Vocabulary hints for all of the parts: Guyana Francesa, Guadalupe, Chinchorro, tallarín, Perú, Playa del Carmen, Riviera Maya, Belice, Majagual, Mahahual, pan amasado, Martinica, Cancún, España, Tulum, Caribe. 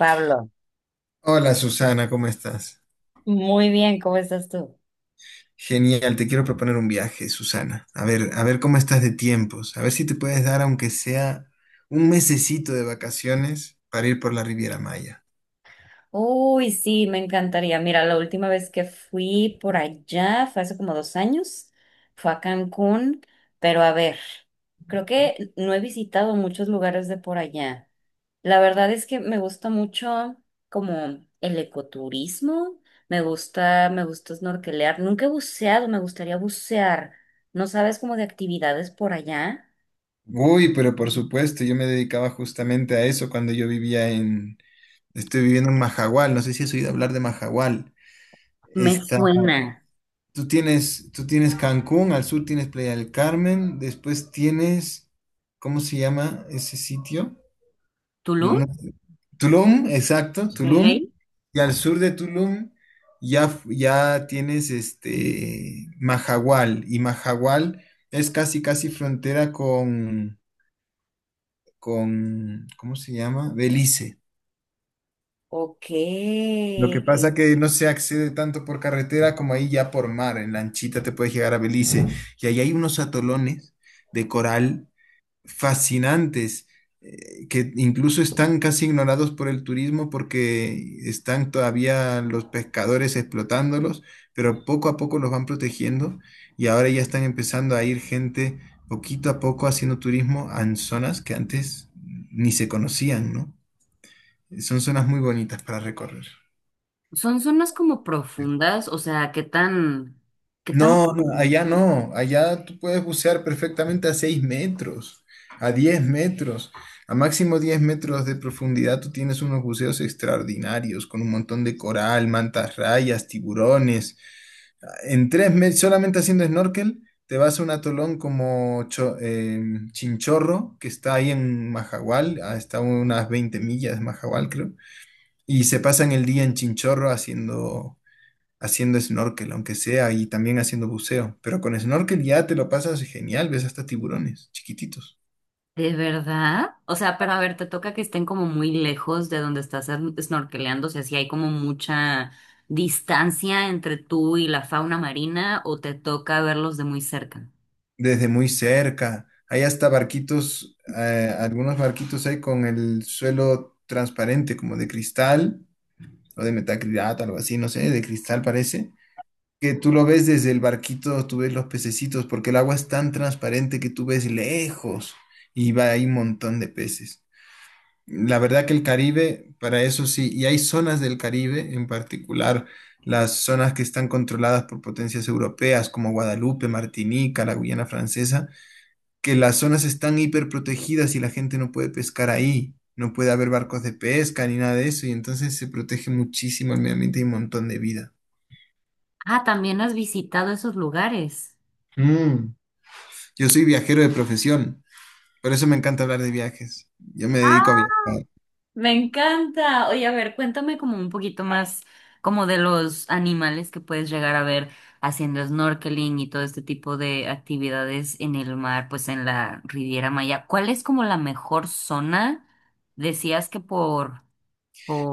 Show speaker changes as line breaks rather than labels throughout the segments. Pablo.
Hola Susana, ¿cómo estás?
Muy bien, ¿cómo estás tú?
Genial, te quiero proponer un viaje, Susana. A ver cómo estás de tiempos, a ver si te puedes dar aunque sea un mesecito de vacaciones para ir por la Riviera Maya.
Uy, sí, me encantaría. Mira, la última vez que fui por allá fue hace como 2 años, fue a Cancún, pero a ver, creo que no he visitado muchos lugares de por allá. La verdad es que me gusta mucho como el ecoturismo, me gusta snorkelear. Nunca he buceado, me gustaría bucear. ¿No sabes como de actividades por allá?
Uy, pero por supuesto, yo me dedicaba justamente a eso cuando estoy viviendo en Majagual, no sé si has oído hablar de Majagual.
Me
Está,
suena.
tú tienes Cancún, al sur tienes Playa del Carmen, después tienes, ¿cómo se llama ese sitio? No-
¿Tulum?
no- Tulum, exacto, Tulum.
Ok.
Y al sur de Tulum ya, ya tienes este Mahahual. Y Mahahual es casi, casi frontera con, ¿cómo se llama? Belice.
Ok.
Lo que pasa que no se accede tanto por carretera como ahí ya por mar. En lanchita te puedes llegar a Belice. Y ahí hay unos atolones de coral fascinantes, que incluso están casi ignorados por el turismo porque están todavía los pescadores explotándolos, pero poco a poco los van protegiendo y ahora ya están empezando a ir gente poquito a poco haciendo turismo en zonas que antes ni se conocían, ¿no? Son zonas muy bonitas para recorrer.
Son zonas como profundas, o sea, ¿qué tan,
No, no,
profundo?
allá no, allá tú puedes bucear perfectamente a 6 metros, a 10 metros, a máximo 10 metros de profundidad tú tienes unos buceos extraordinarios con un montón de coral, mantas rayas, tiburones. En 3 meses, solamente haciendo snorkel, te vas a un atolón como Chinchorro, que está ahí en Majagual, hasta unas 20 millas de Majagual, creo, y se pasan el día en Chinchorro haciendo snorkel, aunque sea, y también haciendo buceo. Pero con snorkel ya te lo pasas genial, ves hasta tiburones chiquititos,
¿De verdad? O sea, pero a ver, te toca que estén como muy lejos de donde estás snorkeleando, o sea, si hay como mucha distancia entre tú y la fauna marina, o te toca verlos de muy cerca.
desde muy cerca. Hay hasta barquitos, algunos barquitos hay con el suelo transparente, como de cristal o de metacrilato, algo así, no sé, de cristal parece. Que tú lo ves desde el barquito, tú ves los pececitos, porque el agua es tan transparente que tú ves lejos y va ahí un montón de peces. La verdad que el Caribe, para eso sí, y hay zonas del Caribe, en particular las zonas que están controladas por potencias europeas como Guadalupe, Martinica, la Guyana Francesa, que las zonas están hiperprotegidas y la gente no puede pescar ahí, no puede haber barcos de pesca ni nada de eso, y entonces se protege muchísimo el medio ambiente y un montón de vida.
Ah, también has visitado esos lugares.
Mm, Yo soy viajero de profesión, por eso me encanta hablar de viajes. Yo me
Ah.
dedico a viajar.
Me encanta. Oye, a ver, cuéntame como un poquito más como de los animales que puedes llegar a ver haciendo snorkeling y todo este tipo de actividades en el mar, pues en la Riviera Maya. ¿Cuál es como la mejor zona? Decías que por,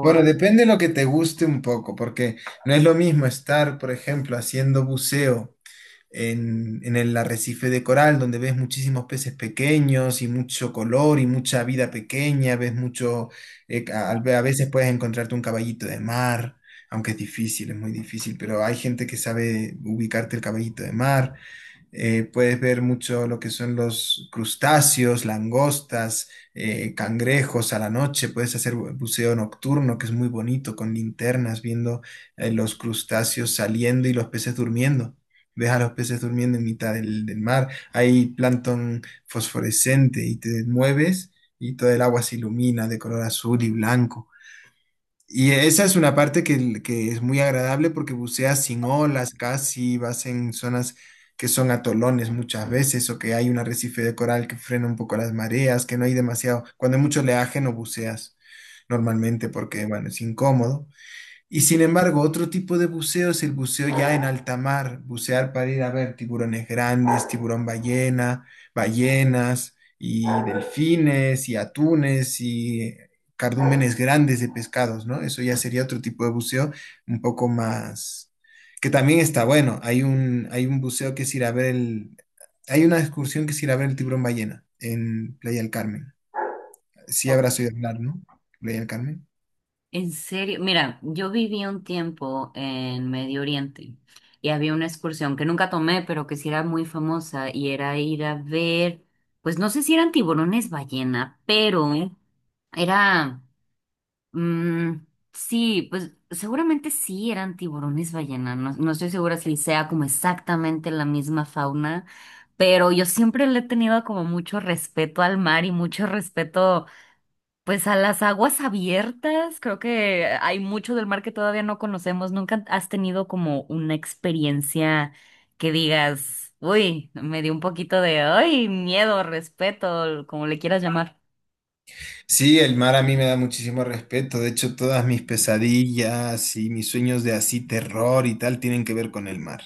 Bueno, depende de lo que te guste un poco, porque no es lo mismo estar, por ejemplo, haciendo buceo en el arrecife de coral, donde ves muchísimos peces pequeños y mucho color y mucha vida pequeña, ves mucho, a veces puedes encontrarte un caballito de mar, aunque es difícil, es muy difícil, pero hay gente que sabe ubicarte el caballito de mar puedes ver mucho lo que son los crustáceos, langostas, cangrejos a la noche. Puedes hacer buceo nocturno, que es muy bonito, con linternas, viendo los crustáceos saliendo y los peces durmiendo. Ves a los peces durmiendo en mitad del mar. Hay plancton fosforescente y te mueves y todo el agua se ilumina de color azul y blanco. Y esa es una parte que es muy agradable porque buceas sin olas casi, vas en zonas que son atolones muchas veces o que hay un arrecife de coral que frena un poco las mareas, que no hay demasiado, cuando hay mucho oleaje no buceas normalmente porque, bueno, es incómodo. Y sin embargo, otro tipo de buceo es el buceo ya en alta mar, bucear para ir a ver tiburones grandes, tiburón ballena, ballenas y delfines y atunes y cardúmenes grandes de pescados, ¿no? Eso ya sería otro tipo de buceo un poco más, que también está bueno. Hay un buceo que es ir a ver el, hay una excursión que es ir a ver el tiburón ballena en Playa del Carmen. Sí habrás oído hablar, ¿no? Playa del Carmen.
en serio, mira, yo viví un tiempo en Medio Oriente y había una excursión que nunca tomé, pero que sí era muy famosa y era ir a ver, pues no sé si eran tiburones ballena, pero Era, mm, sí, pues seguramente sí eran tiburones ballena, no, no estoy segura si sea como exactamente la misma fauna, pero yo siempre le he tenido como mucho respeto al mar y mucho respeto pues a las aguas abiertas, creo que hay mucho del mar que todavía no conocemos, ¿nunca has tenido como una experiencia que digas, uy, me dio un poquito de, ay, miedo, respeto, como le quieras llamar?
Sí, el mar a mí me da muchísimo respeto. De hecho, todas mis pesadillas y mis sueños de así terror y tal tienen que ver con el mar.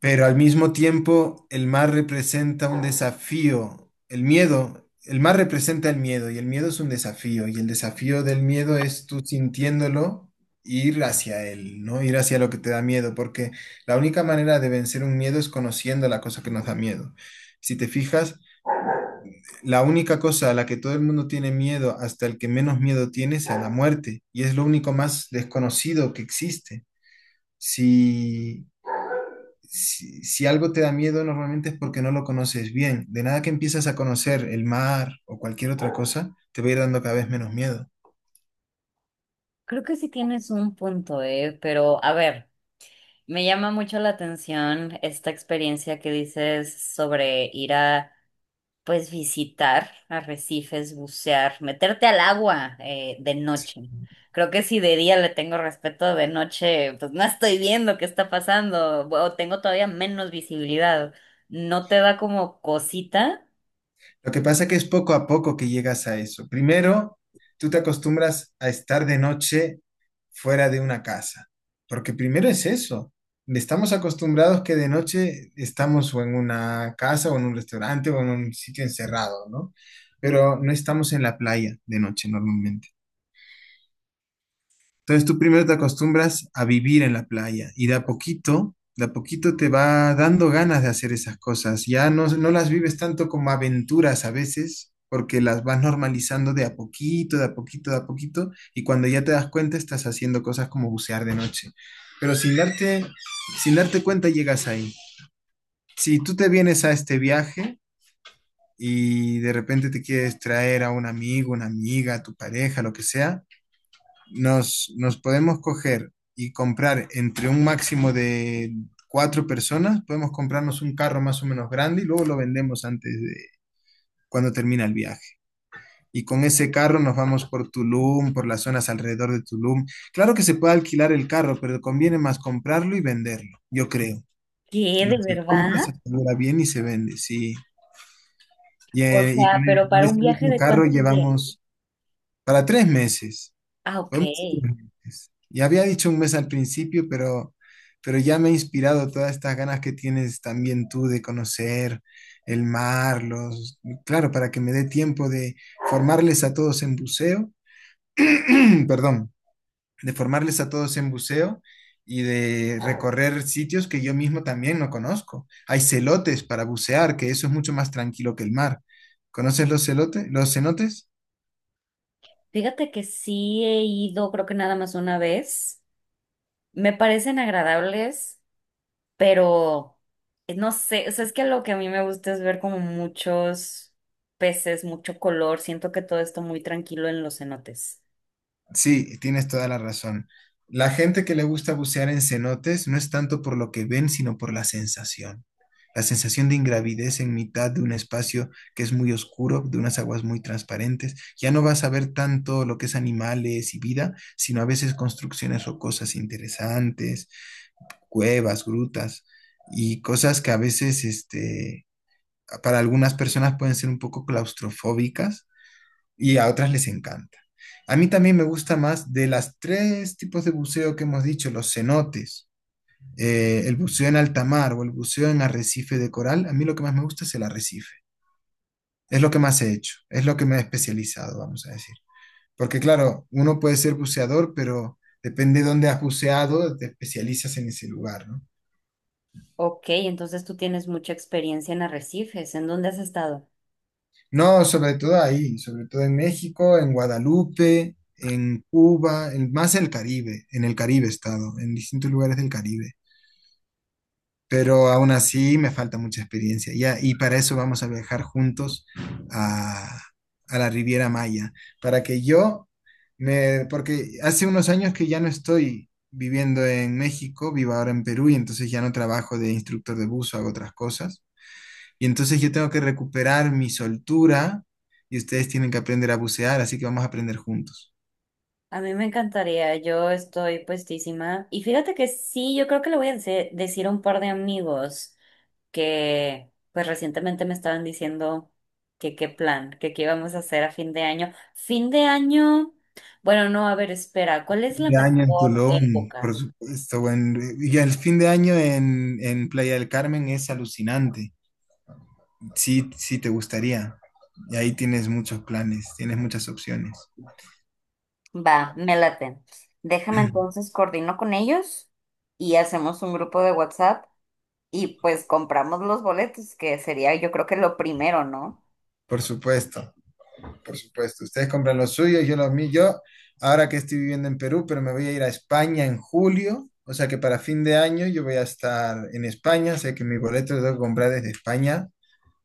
Pero al mismo tiempo, el mar representa un desafío. El miedo, el mar representa el miedo y el miedo es un desafío. Y el desafío del miedo es tú sintiéndolo, ir hacia él, ¿no? Ir hacia lo que te da miedo. Porque la única manera de vencer un miedo es conociendo la cosa que nos da miedo. Si te fijas... La única cosa a la que todo el mundo tiene miedo, hasta el que menos miedo tiene, es a la muerte, y es lo único más desconocido que existe. Si, si, algo te da miedo, normalmente es porque no lo conoces bien. De nada que empiezas a conocer el mar o cualquier otra cosa, te va a ir dando cada vez menos miedo.
Creo que sí tienes un punto, pero a ver, me llama mucho la atención esta experiencia que dices sobre ir a, pues, visitar arrecifes, bucear, meterte al agua, de noche. Creo que si de día le tengo respeto, de noche, pues no estoy viendo qué está pasando o tengo todavía menos visibilidad. ¿No te da como cosita?
Lo que pasa que es poco a poco que llegas a eso. Primero, tú te acostumbras a estar de noche fuera de una casa, porque primero es eso. Estamos acostumbrados que de noche estamos o en una casa o en un restaurante o en un sitio encerrado, ¿no? Pero no estamos en la playa de noche normalmente. Entonces tú primero te acostumbras a vivir en la playa y de a poquito te va dando ganas de hacer esas cosas. Ya no, no las vives tanto como aventuras a veces, porque las vas normalizando de a poquito, de a poquito, de a poquito, y cuando ya te das cuenta estás haciendo cosas como bucear de noche. Pero sin darte cuenta llegas ahí. Si tú te vienes a este viaje y de repente te quieres traer a un amigo, una amiga, a tu pareja, lo que sea, nos podemos coger y comprar entre un máximo de 4 personas, podemos comprarnos un carro más o menos grande y luego lo vendemos antes de cuando termina el viaje. Y con ese carro nos vamos por Tulum, por las zonas alrededor de Tulum. Claro que se puede alquilar el carro, pero conviene más comprarlo y venderlo, yo creo.
¿Qué,
Lo
de
que compras se
verdad?
asegura bien y se vende, sí.
O
Y con
sea, pero
en
¿para un
ese
viaje
mismo
de
carro
cuántos días?
llevamos para 3 meses.
Ah,
Fue
ok.
un mes y ya había dicho un mes al principio, pero ya me ha inspirado todas estas ganas que tienes también tú de conocer el mar, los, claro, para que me dé tiempo de formarles a todos en buceo, perdón, de formarles a todos en buceo y de recorrer sitios que yo mismo también no conozco. Hay celotes para bucear, que eso es mucho más tranquilo que el mar. ¿Conoces los celotes, los cenotes?
Fíjate que sí he ido, creo que nada más una vez. Me parecen agradables, pero no sé, o sea, es que lo que a mí me gusta es ver como muchos peces, mucho color. Siento que todo está muy tranquilo en los cenotes.
Sí, tienes toda la razón. La gente que le gusta bucear en cenotes no es tanto por lo que ven, sino por la sensación. La sensación de ingravidez en mitad de un espacio que es muy oscuro, de unas aguas muy transparentes. Ya no vas a ver tanto lo que es animales y vida, sino a veces construcciones rocosas interesantes, cuevas, grutas y cosas que a veces, este, para algunas personas pueden ser un poco claustrofóbicas y a otras les encanta. A mí también me gusta más de las tres tipos de buceo que hemos dicho, los cenotes, el buceo en alta mar o el buceo en arrecife de coral. A mí lo que más me gusta es el arrecife. Es lo que más he hecho, es lo que me he especializado, vamos a decir. Porque claro, uno puede ser buceador, pero depende de dónde has buceado, te especializas en ese lugar, ¿no?
Ok, entonces tú tienes mucha experiencia en arrecifes. ¿En dónde has estado?
No, sobre todo ahí, sobre todo en México, en Guadalupe, en Cuba, en, más el Caribe, en el Caribe he estado, en distintos lugares del Caribe. Pero aún así me falta mucha experiencia. Ya, y para eso vamos a viajar juntos a, a la Riviera Maya, para que yo me, porque hace unos años que ya no estoy viviendo en México, vivo ahora en Perú y entonces ya no trabajo de instructor de buzo, hago otras cosas. Y entonces yo tengo que recuperar mi soltura y ustedes tienen que aprender a bucear, así que vamos a aprender juntos.
A mí me encantaría, yo estoy puestísima. Y fíjate que sí, yo creo que le voy a decir a un par de amigos que pues recientemente me estaban diciendo que qué plan, que qué íbamos a hacer a fin de año. Fin de año, bueno, no, a ver, espera, ¿cuál es
Fin
la
de año en
mejor
Tulum, por
época?
supuesto. Y el fin de año en Playa del Carmen es alucinante. Sí, sí te gustaría. Y ahí tienes muchos planes, tienes muchas opciones.
Va, me late. Déjame entonces coordino con ellos y hacemos un grupo de WhatsApp y pues compramos los boletos, que sería yo creo que lo primero, ¿no?
Por supuesto, por supuesto. Ustedes compran los suyos, yo los míos. Yo, ahora que estoy viviendo en Perú, pero me voy a ir a España en julio. O sea que para fin de año yo voy a estar en España. Sé que mi boleto lo tengo que comprar desde España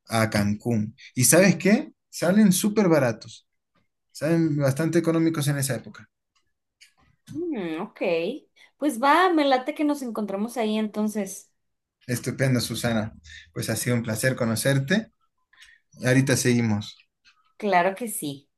a Cancún. ¿Y sabes qué? Salen súper baratos. Salen bastante económicos en esa época.
Mm, ok. Pues va, me late que nos encontramos ahí entonces.
Estupendo, Susana. Pues ha sido un placer conocerte. Ahorita seguimos.
Claro que sí.